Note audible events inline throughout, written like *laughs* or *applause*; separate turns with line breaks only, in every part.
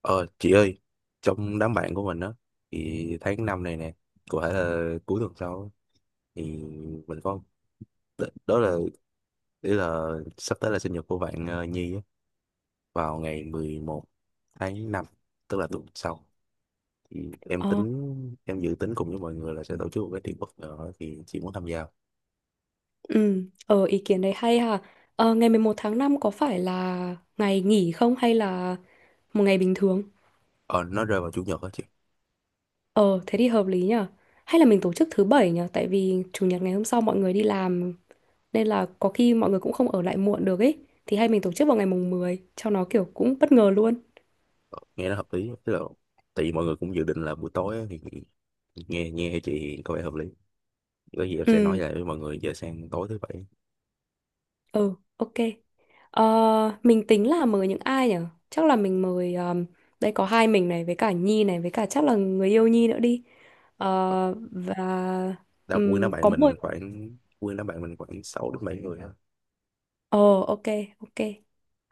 Ờ, chị ơi, trong đám bạn của mình á, thì tháng năm này nè, có thể là cuối tuần sau á, thì mình có đ- đó là ý là sắp tới là sinh nhật của bạn Nhi á, vào ngày 11 tháng 5 tức là tuần sau. Thì em
Ờ,
tính em dự tính cùng với mọi người là sẽ tổ chức một cái tiệc bất ngờ á, thì chị muốn tham gia.
ừ, ờ, ý kiến đấy hay ha. Ờ, ngày 11 tháng 5 có phải là ngày nghỉ không hay là một ngày bình thường?
Ờ, nó rơi vào chủ nhật á chị.
Ờ, thế thì hợp lý nhở. Hay là mình tổ chức thứ bảy nhở, tại vì chủ nhật ngày hôm sau mọi người đi làm nên là có khi mọi người cũng không ở lại muộn được ấy. Thì hay mình tổ chức vào ngày mùng 10 cho nó kiểu cũng bất ngờ luôn.
Ờ, Nghe nó hợp lý á, tức là tại vì mọi người cũng dự định là buổi tối á, thì nghe nghe chị có vẻ hợp lý. Có gì em sẽ nói
Ừ,
lại với mọi người giờ sang tối thứ bảy
ừ, ok. Mình tính là mời những ai nhở? Chắc là mình mời đây có hai mình này với cả Nhi này với cả chắc là người yêu Nhi nữa đi. Ờ, và
đã quyên đám bạn
có mười.
mình khoảng quyên đám bạn mình khoảng 6 đến 7 người á.
Ồ, ok, ok.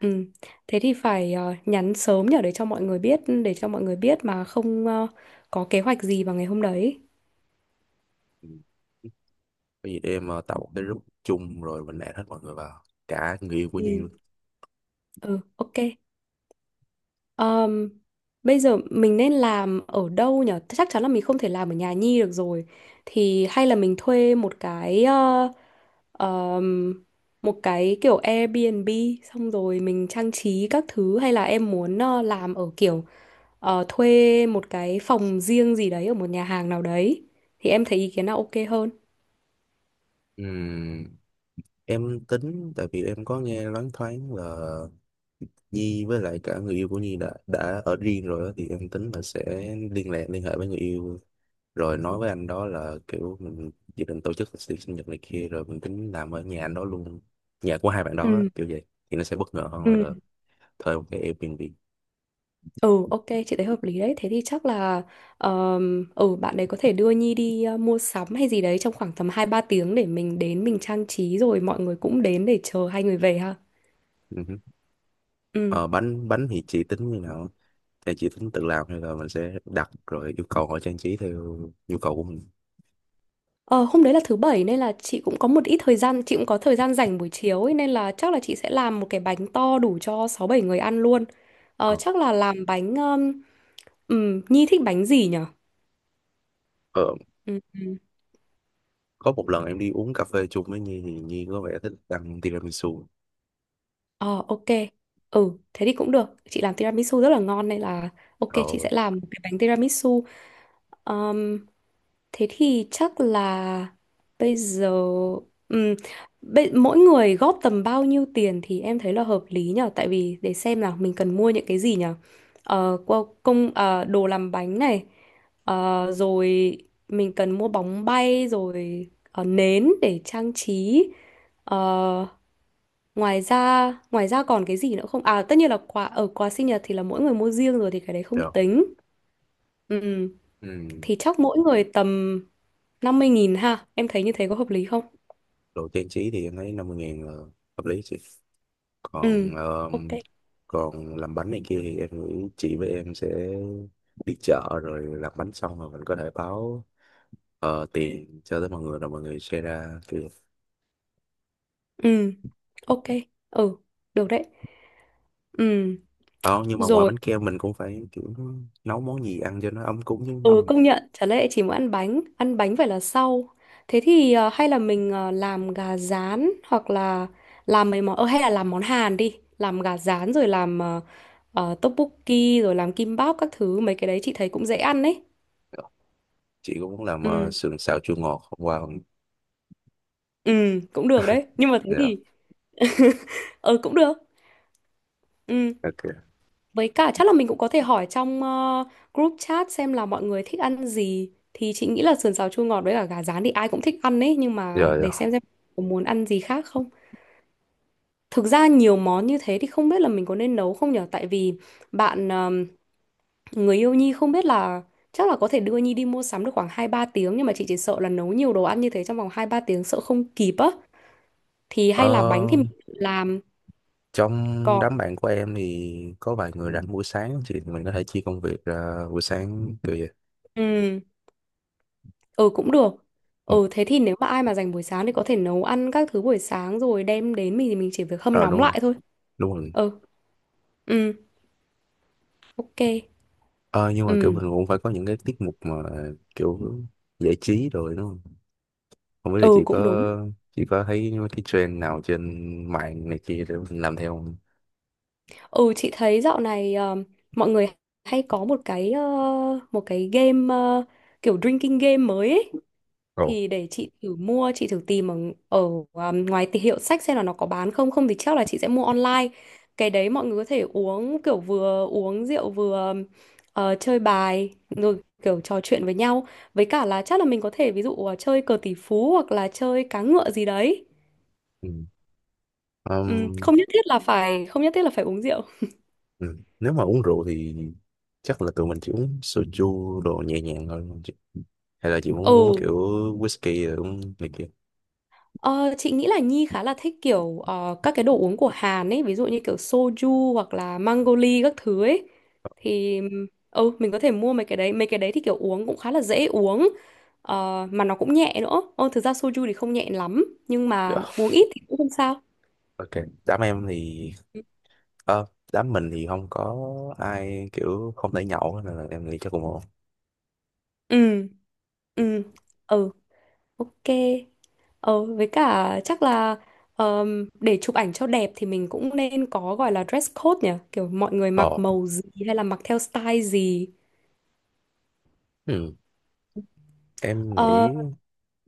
Ừm, Thế thì phải nhắn sớm nhở để cho mọi người biết, mà không có kế hoạch gì vào ngày hôm đấy.
Ừ. Có gì để em tạo một cái group chung rồi mình add hết mọi người vào cả người yêu của
Ừ.
Nhi luôn.
ừ ok. Ờm, Bây giờ mình nên làm ở đâu nhở? Chắc chắn là mình không thể làm ở nhà Nhi được rồi, thì hay là mình thuê một cái ờm, một cái kiểu Airbnb xong rồi mình trang trí các thứ, hay là em muốn làm ở kiểu thuê một cái phòng riêng gì đấy ở một nhà hàng nào đấy, thì em thấy ý kiến nào ok hơn?
Ừm, em tính tại vì em có nghe loáng thoáng là Nhi với lại cả người yêu của Nhi đã ở riêng rồi á, thì em tính là sẽ liên hệ với người yêu rồi nói với anh đó là kiểu mình dự định tổ chức tiệc sinh nhật này kia rồi mình tính làm ở nhà anh đó luôn, nhà của hai bạn đó á,
Ừ.
kiểu vậy thì nó sẽ bất ngờ hơn
Ừ.
là thuê một cái Airbnb.
ừ ok, chị thấy hợp lý đấy. Thế thì chắc là ừ, bạn đấy có thể đưa Nhi đi mua sắm hay gì đấy trong khoảng tầm hai ba tiếng để mình đến mình trang trí rồi mọi người cũng đến để chờ hai người về ha.
Ừ hứ.
Ừ,
Ờ, bánh bánh thì chị tính như nào, thì chị tính tự làm hay là mình sẽ đặt rồi yêu cầu họ trang trí theo nhu cầu của mình.
ờ, hôm đấy là thứ bảy nên là chị cũng có một ít thời gian, chị cũng có thời gian rảnh buổi chiều ấy, nên là chắc là chị sẽ làm một cái bánh to đủ cho sáu bảy người ăn luôn.
ờ,
Chắc là làm bánh. Nhi thích bánh gì nhỉ?
ờ,
Ừ. ừ.
có một lần em đi uống cà phê chung với Nhi thì Nhi có vẻ thích ăn tiramisu.
Ờ, ok. Ừ, thế thì cũng được. Chị làm tiramisu rất là ngon nên là ok, chị
ờ
sẽ làm một cái bánh tiramisu. Ờm, Thế thì chắc là bây giờ, ừm, mỗi người góp tầm bao nhiêu tiền thì em thấy là hợp lý nhở? Tại vì để xem là mình cần mua những cái gì nhở. Đồ làm bánh này. Rồi mình cần mua bóng bay rồi nến để trang trí. Ờ, Ngoài ra, còn cái gì nữa không? À, tất nhiên là quà, quà sinh nhật thì là mỗi người mua riêng rồi thì cái đấy không
Được.
tính. Ừ,
Ừ.
thì chắc mỗi người tầm 50.000 ha. Em thấy như thế có hợp lý không?
Đồ trang trí thì em thấy 50.000 là hợp lý chị.
Ừ,
còn ờ,
ok.
còn làm bánh này kia thì em nghĩ chị với em sẽ đi chợ rồi làm bánh xong rồi mình có thể báo tiền cho tới mọi người rồi mọi người share ra kiểu.
Ừ, ok. Ừ, Được đấy. Ừ,
Ờ, nhưng mà ngoài
Rồi.
bánh kem mình cũng phải kiểu nấu món gì ăn cho nó ấm cúng chứ.
Ừ, công nhận, chả lẽ chỉ muốn ăn bánh? Ăn bánh phải là sau. Thế thì hay là mình làm gà rán, hoặc là làm mấy món hay là làm món Hàn đi, làm gà rán rồi làm tteokbokki rồi làm kimbap các thứ, mấy cái đấy chị thấy cũng dễ ăn đấy.
Chị cũng muốn làm
ừ
sườn xào chua ngọt hôm qua không?
ừ Cũng được đấy, nhưng mà thế
Dạ.
thì *laughs* ừ cũng được, ừ,
Ok.
với cả chắc là mình cũng có thể hỏi trong group chat xem là mọi người thích ăn gì. Thì chị nghĩ là sườn xào chua ngọt với cả gà rán thì ai cũng thích ăn đấy, nhưng mà
Rồi, rồi.
để xem có muốn ăn gì khác không. Thực ra nhiều món như thế thì không biết là mình có nên nấu không nhở? Tại vì bạn người yêu Nhi, không biết là chắc là có thể đưa Nhi đi mua sắm được khoảng hai ba tiếng, nhưng mà chị chỉ sợ là nấu nhiều đồ ăn như thế trong vòng hai ba tiếng sợ không kịp á. Thì hay là bánh thì
Ờ,
mình tự làm,
Trong
còn
đám bạn của em thì có vài người rảnh buổi sáng thì mình có thể chia công việc ra buổi sáng kiểu vậy.
ừ ừ cũng được.
Ừ.
Ừ, thế thì nếu mà ai mà dành buổi sáng thì có thể nấu ăn các thứ buổi sáng rồi đem đến mình thì mình chỉ việc hâm
Ờ
nóng
Đúng rồi,
lại thôi.
đúng rồi.
Ừ ừ ok.
Ờ, nhưng mà kiểu
Ừ
mình cũng phải có những cái tiết mục mà kiểu giải trí rồi đúng không? Không biết là
ừ
chị
Cũng đúng.
có chị có thấy cái trend nào trên mạng này kia để mình làm theo không?
Ừ, chị thấy dạo này mọi người hay có một cái một cái game, kiểu drinking game mới ấy.
Ồ.
Thì để chị thử mua, chị thử tìm ở, ở ngoài hiệu sách xem là nó có bán không. Không thì chắc là chị sẽ mua online. Cái đấy mọi người có thể uống kiểu vừa uống rượu vừa chơi bài rồi kiểu trò chuyện với nhau. Với cả là chắc là mình có thể ví dụ chơi cờ tỷ phú hoặc là chơi cá ngựa gì đấy.
Ừ.
Ừ,
Ừm,
không nhất thiết là phải không nhất thiết là phải uống rượu.
ừ. Nếu mà uống rượu thì chắc là tụi mình chỉ uống soju đồ nhẹ nhàng thôi đúng không chị? Hay là chị muốn uống
Ừ.
kiểu whisky rồi uống này kia?
Ờ, chị nghĩ là Nhi khá là thích kiểu các cái đồ uống của Hàn ấy, ví dụ như kiểu soju hoặc là mango các thứ ấy. Thì ừ, mình có thể mua mấy cái đấy thì kiểu uống cũng khá là dễ uống. Ờ, mà nó cũng nhẹ nữa. Ờ, thực ra soju thì không nhẹ lắm, nhưng mà
Dạ.
uống ít thì cũng không sao.
Ok, đám em thì ờ, đám mình thì không có ai kiểu không thể nhậu hết, nên là em nghĩ chắc cũng ổn.
Ừ, ừ, ừ, ok. Ờ, với cả chắc là để chụp ảnh cho đẹp thì mình cũng nên có gọi là dress code nhỉ? Kiểu mọi người mặc
Ờ.
màu gì hay là mặc theo style gì.
Ừ. Em
Ờ,
nghĩ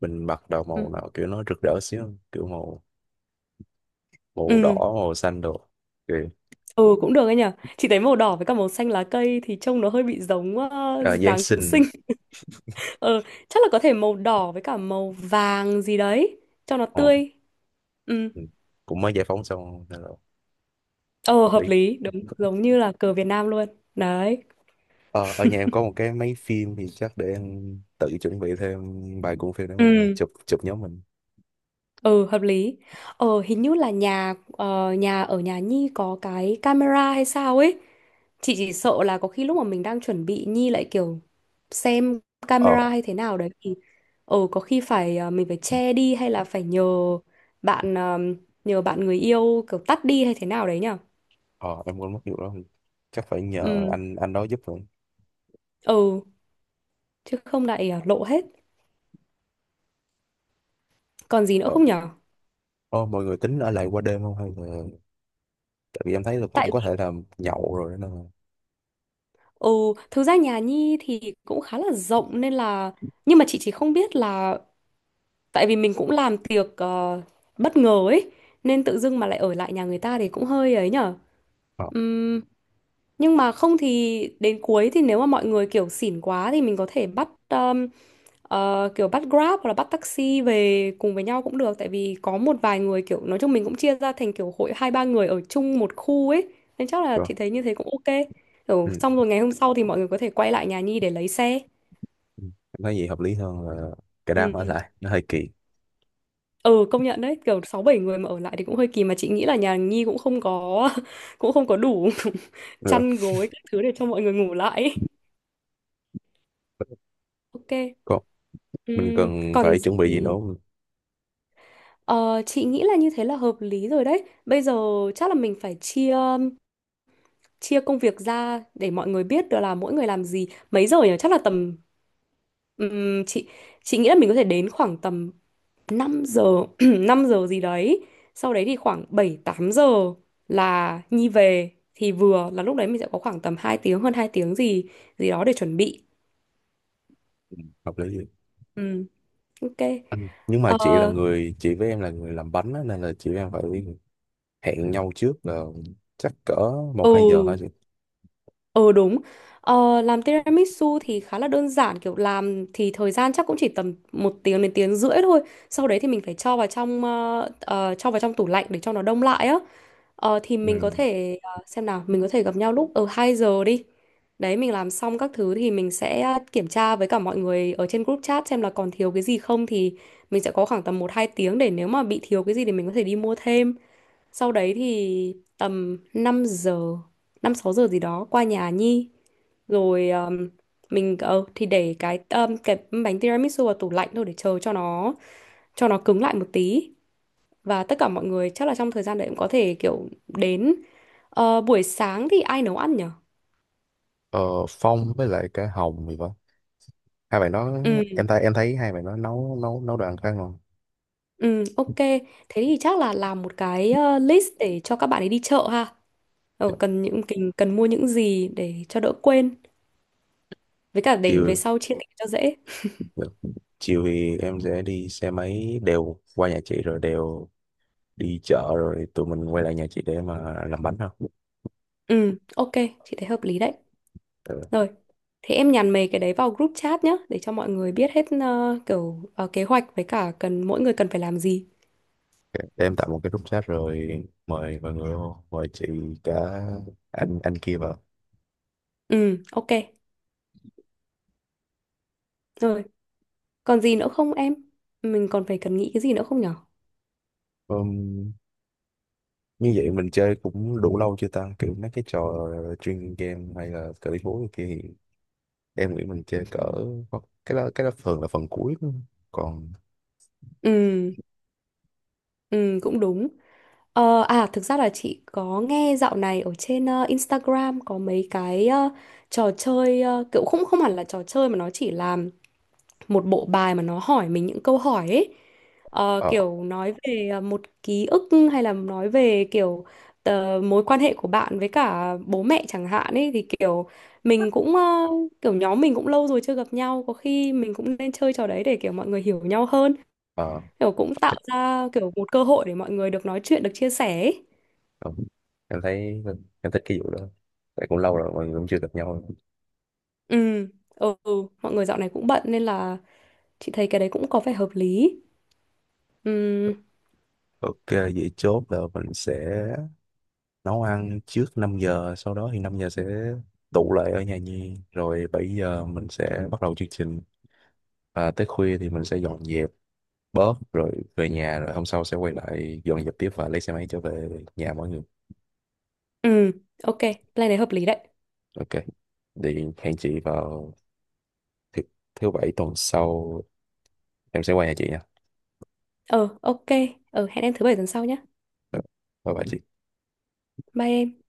mình mặc đồ
Ừ,
màu nào kiểu nó rực rỡ xíu không? Kiểu màu màu đỏ,
ừ,
màu xanh đồ. Kiểu
ừ, Cũng được ấy nhở. Chị thấy màu đỏ với cả màu xanh lá cây thì trông nó hơi bị giống
à, Giáng
Giáng sinh.
sinh.
*laughs* Ờ, chắc là có thể màu đỏ với cả màu vàng gì đấy cho nó
Ờ,
tươi. Ừ.
ừ. Cũng mới giải phóng xong nên là
Ờ,
hợp
hợp
lý.
lý, đúng, giống như là cờ Việt Nam luôn. Đấy.
Ờ, Ở nhà em có một cái máy phim thì chắc để em tự chuẩn bị thêm vài cuộn phim để mà
Ừ.
chụp chụp nhóm mình.
Ừ, hợp lý. Ờ, hình như là nhà ờ, nhà ở nhà Nhi có cái camera hay sao ấy. Chị chỉ sợ là có khi lúc mà mình đang chuẩn bị Nhi lại kiểu xem
Ờ,
camera hay thế nào đấy thì có khi phải mình phải che đi hay là phải nhờ bạn, người yêu kiểu tắt đi hay thế nào đấy nhở.
ờ em quên mất vụ đó. Chắc phải nhờ
Ừ.
anh đó giúp rồi.
Ừ, chứ không lại lộ hết. Còn gì nữa
Ờ,
không nhở?
ờ, Mọi người tính ở lại qua đêm không hay là tại vì em thấy là cũng
Tại
có
vì
thể là nhậu rồi đó nên là.
ừ, thực ra nhà Nhi thì cũng khá là rộng nên là, nhưng mà chị chỉ không biết là tại vì mình cũng làm tiệc bất ngờ ấy, nên tự dưng mà lại ở lại nhà người ta thì cũng hơi ấy nhở.
Ờ,
Ừm, nhưng mà không thì đến cuối, thì nếu mà mọi người kiểu xỉn quá thì mình có thể bắt kiểu bắt Grab hoặc là bắt taxi về cùng với nhau cũng được. Tại vì có một vài người kiểu, nói chung mình cũng chia ra thành kiểu hội hai ba người ở chung một khu ấy, nên chắc là chị
Được.
thấy như thế cũng ok. Kiểu
Ừ.
xong rồi ngày hôm sau thì mọi người có thể quay lại nhà Nhi để lấy xe.
Ừ. Em thấy gì hợp lý hơn là cái đám ở
ừ
lại nó hơi kỳ
Ừ, công nhận đấy, kiểu sáu bảy người mà ở lại thì cũng hơi kỳ. Mà chị nghĩ là nhà Nhi cũng không có *laughs* cũng không có đủ *laughs*
được,
chăn gối các thứ để cho mọi người ngủ lại ấy. Ok.
có mình cần
Còn
phải chuẩn bị gì nữa
gì.
không?
Ờ, chị nghĩ là như thế là hợp lý rồi đấy. Bây giờ chắc là mình phải chia, công việc ra để mọi người biết được là mỗi người làm gì, mấy giờ nhỉ? Chắc là tầm ừm, chị chị nghĩ là mình có thể đến khoảng tầm 5 giờ, *clears throat* 5 giờ gì đấy, sau đấy thì khoảng 7 8 giờ là Nhi về, thì vừa là lúc đấy mình sẽ có khoảng tầm 2 tiếng, hơn 2 tiếng gì gì đó để chuẩn bị.
Hợp lý gì.
Ừ, ok.
Ừ. Nhưng mà
ờ
chị với em là người làm bánh á, nên là chị với em phải hẹn nhau trước là chắc cỡ 1-2 giờ thôi
ừ
chị.
ừ, đúng. Ờ, làm tiramisu thì khá là đơn giản, kiểu làm thì thời gian chắc cũng chỉ tầm một tiếng đến tiếng rưỡi thôi, sau đấy thì mình phải cho vào trong cho vào trong tủ lạnh để cho nó đông lại á. Ờ, thì mình có
Ừ.
thể xem nào, mình có thể gặp nhau lúc 2 giờ đi. Đấy, mình làm xong các thứ thì mình sẽ kiểm tra với cả mọi người ở trên group chat xem là còn thiếu cái gì không, thì mình sẽ có khoảng tầm một 2 tiếng để nếu mà bị thiếu cái gì thì mình có thể đi mua thêm. Sau đấy thì tầm 5 giờ, 5 6 giờ gì đó qua nhà Nhi rồi mình thì để cái bánh tiramisu vào tủ lạnh thôi để chờ cho nó, cứng lại một tí. Và tất cả mọi người chắc là trong thời gian đấy cũng có thể kiểu đến. Ờ, buổi sáng thì ai nấu ăn nhở?
ờ, Phong với lại cái Hồng thì vậy, hai bạn đó
Ừ,
em thấy hai bạn đó nấu nấu nấu đồ ăn khá ngon.
ừ, ok. Thế thì chắc là làm một cái list để cho các bạn ấy đi chợ ha. Ờ,
Dạ.
cần những cần mua những gì để cho đỡ quên. Với cả để về
chiều
sau chia tiền cho dễ.
Được. Chiều thì em sẽ đi xe máy đều qua nhà chị rồi đều đi chợ rồi tụi mình quay lại nhà chị để mà làm bánh không.
Ừ, ok, chị thấy hợp lý đấy. Rồi, thế em nhắn mấy cái đấy vào group chat nhá, để cho mọi người biết hết kiểu kế hoạch với cả cần, mỗi người cần phải làm gì.
Để em tạo một cái group chat rồi mời mọi người vô, mời chị cả anh kia vào.
Ừ, ok. Rồi, còn gì nữa không em? Mình còn phải cần nghĩ cái gì nữa không nhở?
Ừm, Như vậy mình chơi cũng đủ lâu chưa ta? Kiểu mấy cái trò chuyên game hay là cờ lý bố kia thì em nghĩ mình chơi cỡ cái đó thường là phần cuối đúng còn
Ừ, ừ, Cũng đúng. Ờ, à thực ra là chị có nghe dạo này ở trên Instagram có mấy cái trò chơi kiểu không, hẳn là trò chơi mà nó chỉ là một bộ bài mà nó hỏi mình những câu hỏi ấy. Ờ,
ờ
kiểu nói về một ký ức hay là nói về kiểu mối quan hệ của bạn với cả bố mẹ chẳng hạn ấy, thì kiểu mình cũng kiểu nhóm mình cũng lâu rồi chưa gặp nhau, có khi mình cũng nên chơi trò đấy để kiểu mọi người hiểu nhau hơn,
ờ
kiểu cũng tạo ra kiểu một cơ hội để mọi người được nói chuyện, được chia sẻ ấy.
ờ. em thấy em thích cái vụ đó tại cũng lâu rồi mọi người cũng chưa gặp nhau.
Ừ, Mọi người dạo này cũng bận nên là chị thấy cái đấy cũng có vẻ hợp lý. Ừ,
Ok vậy chốt là mình sẽ nấu ăn trước 5 giờ, sau đó thì 5 giờ sẽ tụ lại ở nhà Nhi rồi 7 giờ mình sẽ bắt đầu chương trình và tới khuya thì mình sẽ dọn dẹp bớt rồi về nhà rồi hôm sau sẽ quay lại dọn dẹp tiếp và lấy xe máy trở về nhà mọi người.
ừ, ok, plan đấy hợp lý đấy.
Ok thì hẹn chị vào thứ, thứ bảy tuần sau, em sẽ qua nhà chị nha.
Ờ, ok, hẹn em thứ bảy tuần sau nhé.
Bye bye chị.
Bye em.